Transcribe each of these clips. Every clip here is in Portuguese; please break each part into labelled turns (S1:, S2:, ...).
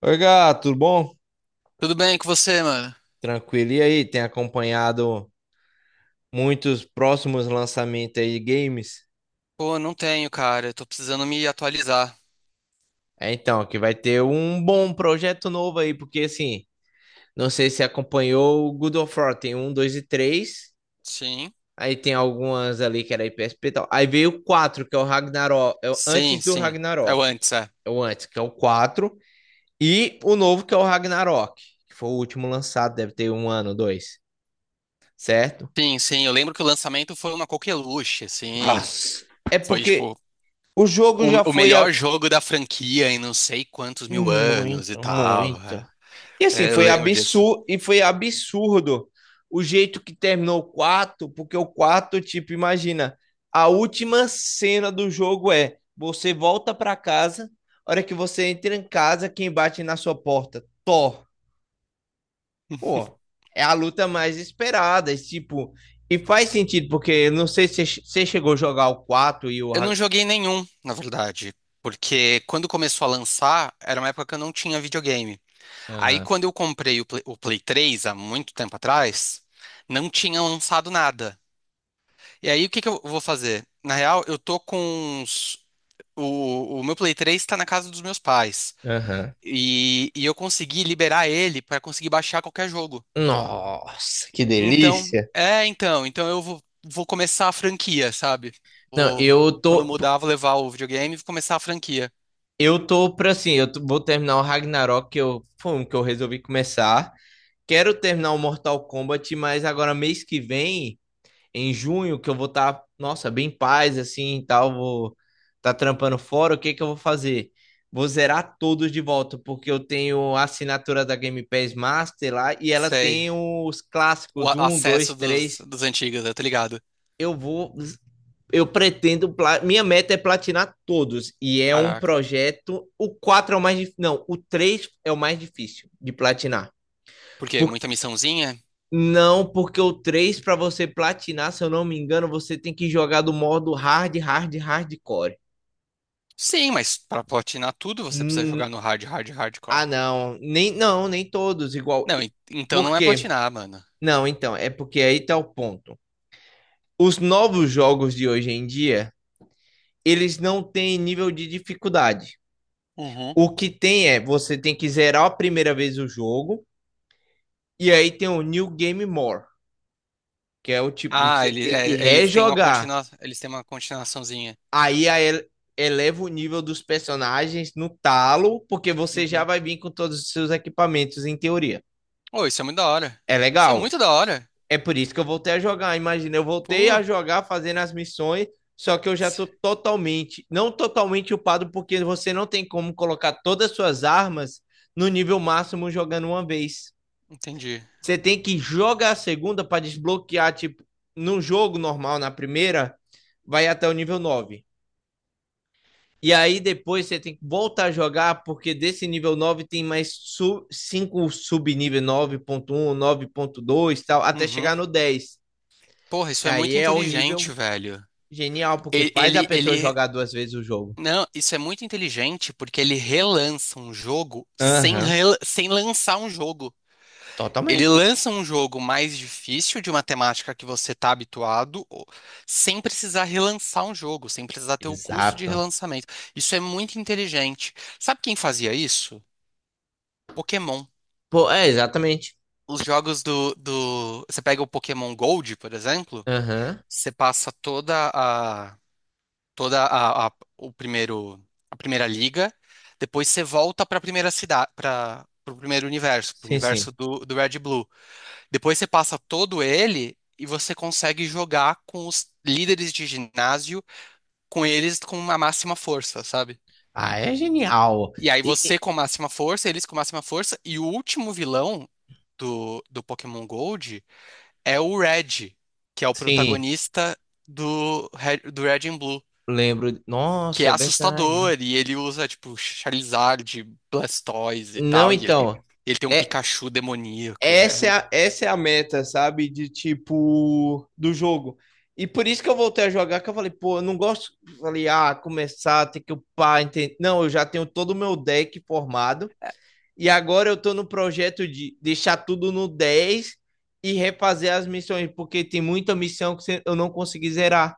S1: Oi, gato, tudo bom?
S2: Tudo bem com você, mano?
S1: Tranquilo. E aí, tem acompanhado muitos próximos lançamentos aí de games?
S2: Pô, não tenho, cara. Eu tô precisando me atualizar.
S1: É, então, que vai ter um bom projeto novo aí, porque assim, não sei se acompanhou o God of War, tem um, dois e três.
S2: Sim.
S1: Aí tem algumas ali que era PSP e tal. Aí veio o 4 que é o Ragnarok, é o
S2: Sim,
S1: antes do
S2: sim. É
S1: Ragnarok.
S2: o antes, é.
S1: É o antes, que é o 4 e o novo que é o Ragnarok, que foi o último lançado, deve ter um ano, dois, certo?
S2: Sim, sim. Eu lembro que o lançamento foi uma coqueluche, sim.
S1: Nossa. É
S2: Foi,
S1: porque
S2: tipo,
S1: o jogo
S2: o,
S1: já
S2: o
S1: foi
S2: melhor jogo da franquia em não sei quantos mil anos e
S1: muito,
S2: tal. É,
S1: muito. E assim,
S2: É, eu
S1: foi
S2: lembro disso.
S1: absurdo, e foi absurdo o jeito que terminou o quarto, porque o quarto, tipo, imagina, a última cena do jogo é você volta pra casa, a hora que você entra em casa, quem bate na sua porta? Thor. Pô, é a luta mais esperada, e, tipo, e faz sentido, porque eu não sei se você chegou a jogar o quatro e o.
S2: Eu não joguei nenhum, na verdade. Porque quando começou a lançar, era uma época que eu não tinha videogame. Aí,
S1: Aham,
S2: quando eu comprei o Play 3, há muito tempo atrás, não tinha lançado nada. E aí, o que que eu vou fazer? Na real, eu tô com uns... O meu Play 3 tá na casa dos meus pais.
S1: aham.
S2: E eu consegui liberar ele pra conseguir baixar qualquer jogo.
S1: Nossa, que
S2: Então,
S1: delícia!
S2: é, então. Então eu vou começar a franquia, sabe?
S1: Não,
S2: Vou,
S1: eu
S2: quando
S1: tô.
S2: mudar, vou levar o videogame e vou começar a franquia.
S1: Eu tô pra assim, vou terminar o Ragnarok, que eu, foi um que eu resolvi começar. Quero terminar o Mortal Kombat, mas agora mês que vem, em junho, que eu vou estar, nossa, bem em paz, assim, e tal, vou tá trampando fora, o que que eu vou fazer? Vou zerar todos de volta, porque eu tenho a assinatura da Game Pass Master lá, e ela
S2: Sei.
S1: tem os
S2: O
S1: clássicos, um, dois,
S2: acesso dos,
S1: três.
S2: dos antigos, eu tô ligado.
S1: Eu vou eu pretendo. Minha meta é platinar todos. E é um
S2: Caraca.
S1: projeto. O 4 é o mais difícil. Não, o 3 é o mais difícil de platinar.
S2: Por quê?
S1: Por-
S2: Muita missãozinha?
S1: Não, porque o 3 para você platinar, se eu não me engano, você tem que jogar do modo hard, hard, hardcore.
S2: Sim, mas pra platinar tudo, você precisa jogar
S1: Hum,
S2: no hard, hard, hardcore.
S1: ah, não. Nem, não, nem todos igual.
S2: Não, então
S1: Por
S2: não é
S1: quê?
S2: platinar, mano.
S1: Não, então, é porque aí tá o ponto. Os novos jogos de hoje em dia, eles não têm nível de dificuldade.
S2: Uhum.
S1: O que tem é, você tem que zerar a primeira vez o jogo, e aí tem o New Game More, que é o tipo,
S2: Ah,
S1: você
S2: ele,
S1: tem que
S2: é, eles têm uma
S1: rejogar.
S2: continua, eles têm uma continuaçãozinha.
S1: Aí a ele- eleva o nível dos personagens no talo, porque você já
S2: Uhum.
S1: vai vir com todos os seus equipamentos, em teoria.
S2: Oh, isso é muito da hora.
S1: É
S2: Isso é
S1: legal.
S2: muito da hora.
S1: É por isso que eu voltei a jogar. Imagina, eu voltei
S2: Pô,
S1: a jogar fazendo as missões, só que eu já tô totalmente, não totalmente upado, porque você não tem como colocar todas as suas armas no nível máximo jogando uma vez.
S2: entendi.
S1: Você tem que jogar a segunda para desbloquear, tipo, num jogo normal, na primeira, vai até o nível nove. E aí depois você tem que voltar a jogar, porque desse nível 9 tem mais 5 subnível 9.1, 9.2 tal, até chegar
S2: Uhum.
S1: no 10.
S2: Porra, isso
S1: E
S2: é
S1: aí
S2: muito
S1: é o
S2: inteligente,
S1: nível
S2: velho.
S1: genial, porque
S2: Ele,
S1: faz a
S2: ele,
S1: pessoa
S2: ele-
S1: jogar duas vezes o jogo.
S2: Não, isso é muito inteligente porque ele relança um jogo sem,
S1: Aham, uhum.
S2: sem lançar um jogo. Ele
S1: Totalmente.
S2: lança um jogo mais difícil de uma temática que você está habituado, sem precisar relançar um jogo, sem precisar ter o custo de
S1: Exato.
S2: relançamento. Isso é muito inteligente. Sabe quem fazia isso? Pokémon.
S1: Pô, é, exatamente.
S2: Os jogos do... Você pega o Pokémon Gold, por exemplo,
S1: Aham,
S2: você passa toda a... toda o primeiro, a primeira liga, depois você volta para a primeira cidade, para o primeiro universo, para o
S1: sim, sim.
S2: universo do Red e Blue. Depois você passa todo ele e você consegue jogar com os líderes de ginásio, com eles com a máxima força, sabe?
S1: Ah, é genial.
S2: E aí
S1: E,
S2: você
S1: e-
S2: com a máxima força, eles com a máxima força, e o último vilão do Pokémon Gold é o Red, que é o
S1: sim.
S2: protagonista do Red and Blue.
S1: Lembro.
S2: Que é
S1: Nossa, é verdade.
S2: assustador, e ele usa, tipo, Charizard, Blastoise e
S1: Não,
S2: tal, e
S1: então.
S2: ele tem um
S1: É,
S2: Pikachu demoníaco. É.
S1: essa é a meta, sabe? De tipo, do jogo. E por isso que eu voltei a jogar, que eu falei, pô, eu não gosto. Falei, ah, começar, ter que upar, entende? Não, eu já tenho todo o meu deck formado. E agora eu tô no projeto de deixar tudo no 10 e refazer as missões, porque tem muita missão que eu não consegui zerar.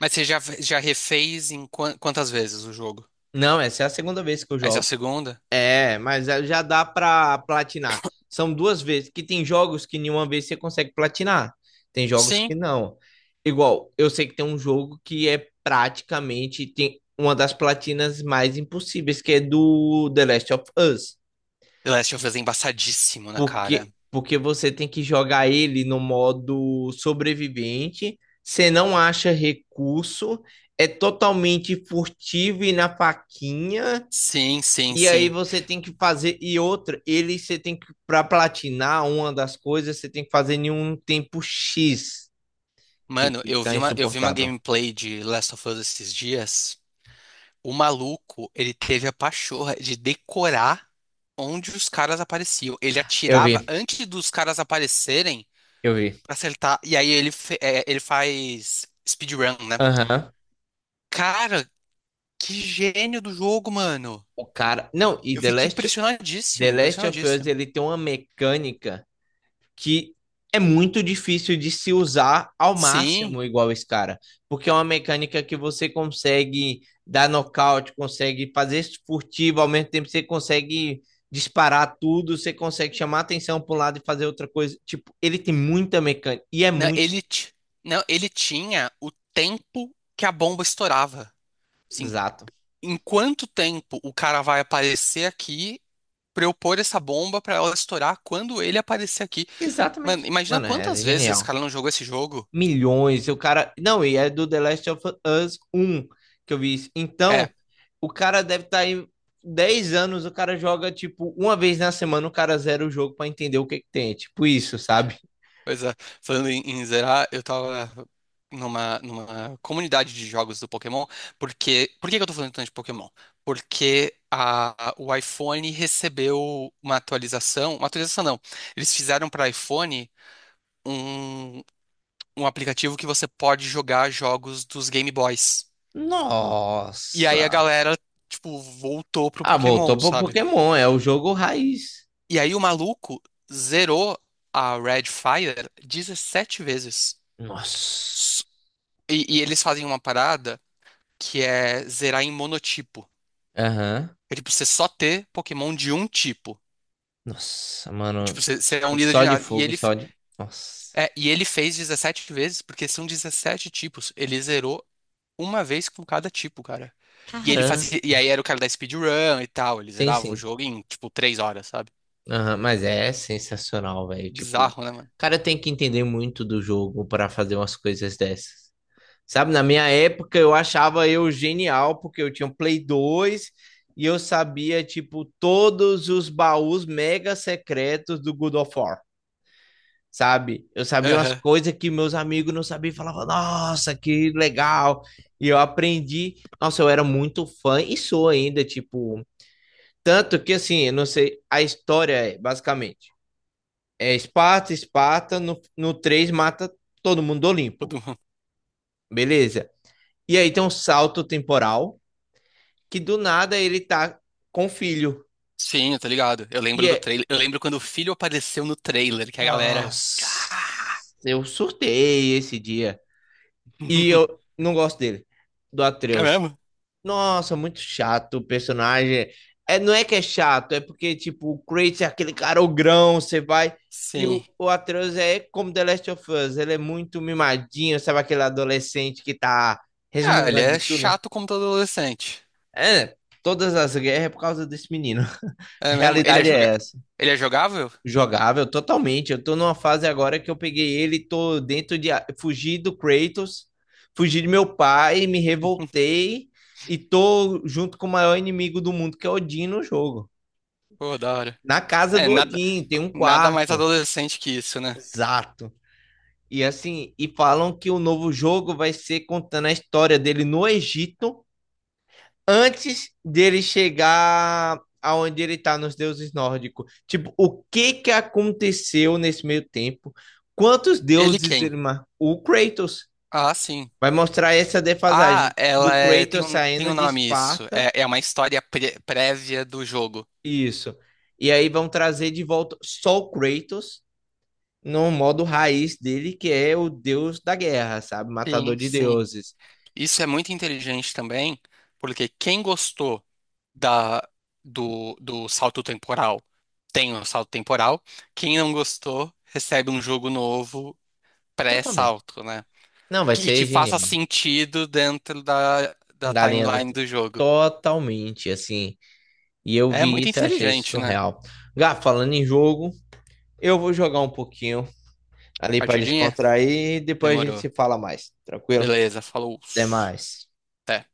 S2: Mas você já refez em quantas vezes o jogo?
S1: Não, essa é a segunda vez que eu
S2: Essa é a
S1: jogo.
S2: segunda?
S1: É, mas é- já dá pra platinar. São duas vezes, que tem jogos que nenhuma vez você consegue platinar. Tem jogos
S2: Sim.
S1: que não. Igual, eu sei que tem um jogo que é praticamente tem uma das platinas mais impossíveis, que é do The Last of Us.
S2: The Last of Us é embaçadíssimo na
S1: Porque,
S2: cara.
S1: porque você tem que jogar ele no modo sobrevivente, você não acha recurso, é totalmente furtivo e na faquinha.
S2: Sim, sim,
S1: E aí
S2: sim.
S1: você tem que fazer e outra, ele você tem que para platinar uma das coisas, você tem que fazer em um tempo X, que
S2: Mano,
S1: fica
S2: eu vi uma
S1: insuportável.
S2: gameplay de Last of Us esses dias. O maluco, ele teve a pachorra de decorar onde os caras apareciam. Ele
S1: Eu
S2: atirava
S1: vi,
S2: antes dos caras aparecerem
S1: eu vi.
S2: pra acertar. E aí ele, ele faz speedrun, né?
S1: Aham.
S2: Cara, que gênio do jogo, mano.
S1: O cara, não, e
S2: Eu fiquei
S1: The
S2: impressionadíssimo,
S1: Last of Us
S2: impressionadíssimo.
S1: ele tem uma mecânica que é muito difícil de se usar ao
S2: Sim.
S1: máximo igual esse cara, porque é uma mecânica que você consegue dar nocaute, consegue fazer furtivo, ao mesmo tempo você consegue disparar tudo, você consegue chamar atenção para um lado e fazer outra coisa. Tipo, ele tem muita mecânica e é
S2: Não,
S1: muito
S2: ele, ti- não, ele tinha o tempo que a bomba estourava. Assim,
S1: exato.
S2: em quanto tempo o cara vai aparecer aqui pra eu pôr essa bomba pra ela estourar quando ele aparecer aqui? Mano,
S1: Exatamente.
S2: imagina
S1: Mano, é
S2: quantas vezes esse
S1: genial.
S2: cara não jogou esse jogo.
S1: Milhões. O cara. Não, e é do The Last of Us um que eu vi isso. Então,
S2: É,
S1: o cara deve estar aí 10 anos, o cara joga, tipo, uma vez na semana, o cara zera o jogo para entender o que que tem. É tipo isso, sabe?
S2: pois é. Falando em zerar, eu tava numa comunidade de jogos do Pokémon. Porque, por que que eu tô falando tanto de Pokémon? Porque o iPhone recebeu uma atualização. Uma atualização não. Eles fizeram para iPhone um, um aplicativo que você pode jogar jogos dos Game Boys. E aí
S1: Nossa.
S2: a galera, tipo, voltou pro
S1: Ah,
S2: Pokémon,
S1: voltou pro
S2: sabe?
S1: Pokémon, é o jogo raiz.
S2: E aí o maluco zerou a Red Fire 17 vezes.
S1: Nossa.
S2: S- e eles fazem uma parada que é zerar em monotipo.
S1: Aham.
S2: É tipo, você só ter Pokémon de um tipo.
S1: Nossa,
S2: É tipo,
S1: mano.
S2: você é um
S1: Tipo,
S2: líder
S1: só
S2: de
S1: de
S2: nada. E
S1: fogo,
S2: ele,
S1: só de. Nossa.
S2: e ele fez 17 vezes, porque são 17 tipos. Ele zerou uma vez com cada tipo, cara. E ele
S1: Caramba.
S2: fazia. E aí era o cara da speedrun e tal. Ele
S1: Sim,
S2: zerava o
S1: sim.
S2: jogo em, tipo, 3 horas, sabe?
S1: Aham, mas é sensacional, velho. Tipo, o
S2: Bizarro, né, mano?
S1: cara tem que entender muito do jogo para fazer umas coisas dessas. Sabe, na minha época eu achava eu genial porque eu tinha um Play 2 e eu sabia, tipo, todos os baús mega secretos do God of War, sabe? Eu sabia umas
S2: Aham.
S1: coisas que meus amigos não sabiam e falavam, nossa, que legal. E eu aprendi, nossa, eu era muito fã e sou ainda, tipo, tanto que assim, eu não sei, a história é basicamente é Esparta, Esparta, no 3 mata todo mundo do Olimpo.
S2: Todo mundo.
S1: Beleza. E aí tem um salto temporal que do nada ele tá com o filho.
S2: Sim, tá ligado. Eu
S1: E
S2: lembro do
S1: é.
S2: trailer. Eu lembro quando o filho apareceu no trailer, que a galera. "Ah!"
S1: Nossa, eu surtei esse dia. E eu não gosto dele, do
S2: É
S1: Atreus.
S2: mesmo?
S1: Nossa, muito chato o personagem. É, não é que é chato, é porque, tipo, o Kratos é aquele cara ogrão, você vai. E
S2: Sim.
S1: o, o Atreus é como The Last of Us, ele é muito mimadinho, sabe aquele adolescente que tá
S2: Ah, ele
S1: resmungando
S2: é
S1: de tudo?
S2: chato como todo adolescente.
S1: É, todas as guerras é por causa desse menino. A
S2: É mesmo? Ele é
S1: realidade
S2: joga...
S1: é essa.
S2: Ele é jogável?
S1: Jogável, totalmente. Eu tô numa fase agora que eu peguei ele, tô dentro de. Fugi do Kratos, fugi de meu pai, me revoltei e tô junto com o maior inimigo do mundo, que é Odin, no jogo.
S2: Pô, da hora.
S1: Na casa
S2: É,
S1: do Odin, tem um
S2: nada mais
S1: quarto.
S2: adolescente que isso, né?
S1: Exato. E assim, e falam que o novo jogo vai ser contando a história dele no Egito antes dele chegar aonde ele tá nos deuses nórdicos. Tipo, o que que aconteceu nesse meio tempo? Quantos
S2: Ele
S1: deuses
S2: quem?
S1: ele marcou? O Kratos
S2: Ah, sim.
S1: vai mostrar essa
S2: Ah,
S1: defasagem
S2: ela
S1: do
S2: é,
S1: Kratos
S2: tem
S1: saindo
S2: um
S1: de
S2: nome isso.
S1: Esparta.
S2: É, é uma história prévia do jogo.
S1: Isso. E aí vão trazer de volta só o Kratos no modo raiz dele, que é o deus da guerra, sabe? Matador
S2: Sim,
S1: de
S2: sim.
S1: deuses.
S2: Isso é muito inteligente também, porque quem gostou da, do salto temporal tem o salto temporal. Quem não gostou recebe um jogo novo
S1: Totalmente.
S2: pré-salto, né?
S1: Não, vai
S2: E que
S1: ser
S2: faça
S1: genial.
S2: sentido dentro da, da
S1: Galinha do...
S2: timeline do jogo.
S1: Totalmente, assim. E eu
S2: É
S1: vi
S2: muito
S1: isso e achei isso
S2: inteligente, né?
S1: surreal. Gá, falando em jogo, eu vou jogar um pouquinho ali para
S2: Partidinha?
S1: descontrair e depois a gente
S2: Demorou.
S1: se fala mais. Tranquilo?
S2: Beleza, falou.
S1: Até mais.
S2: Até.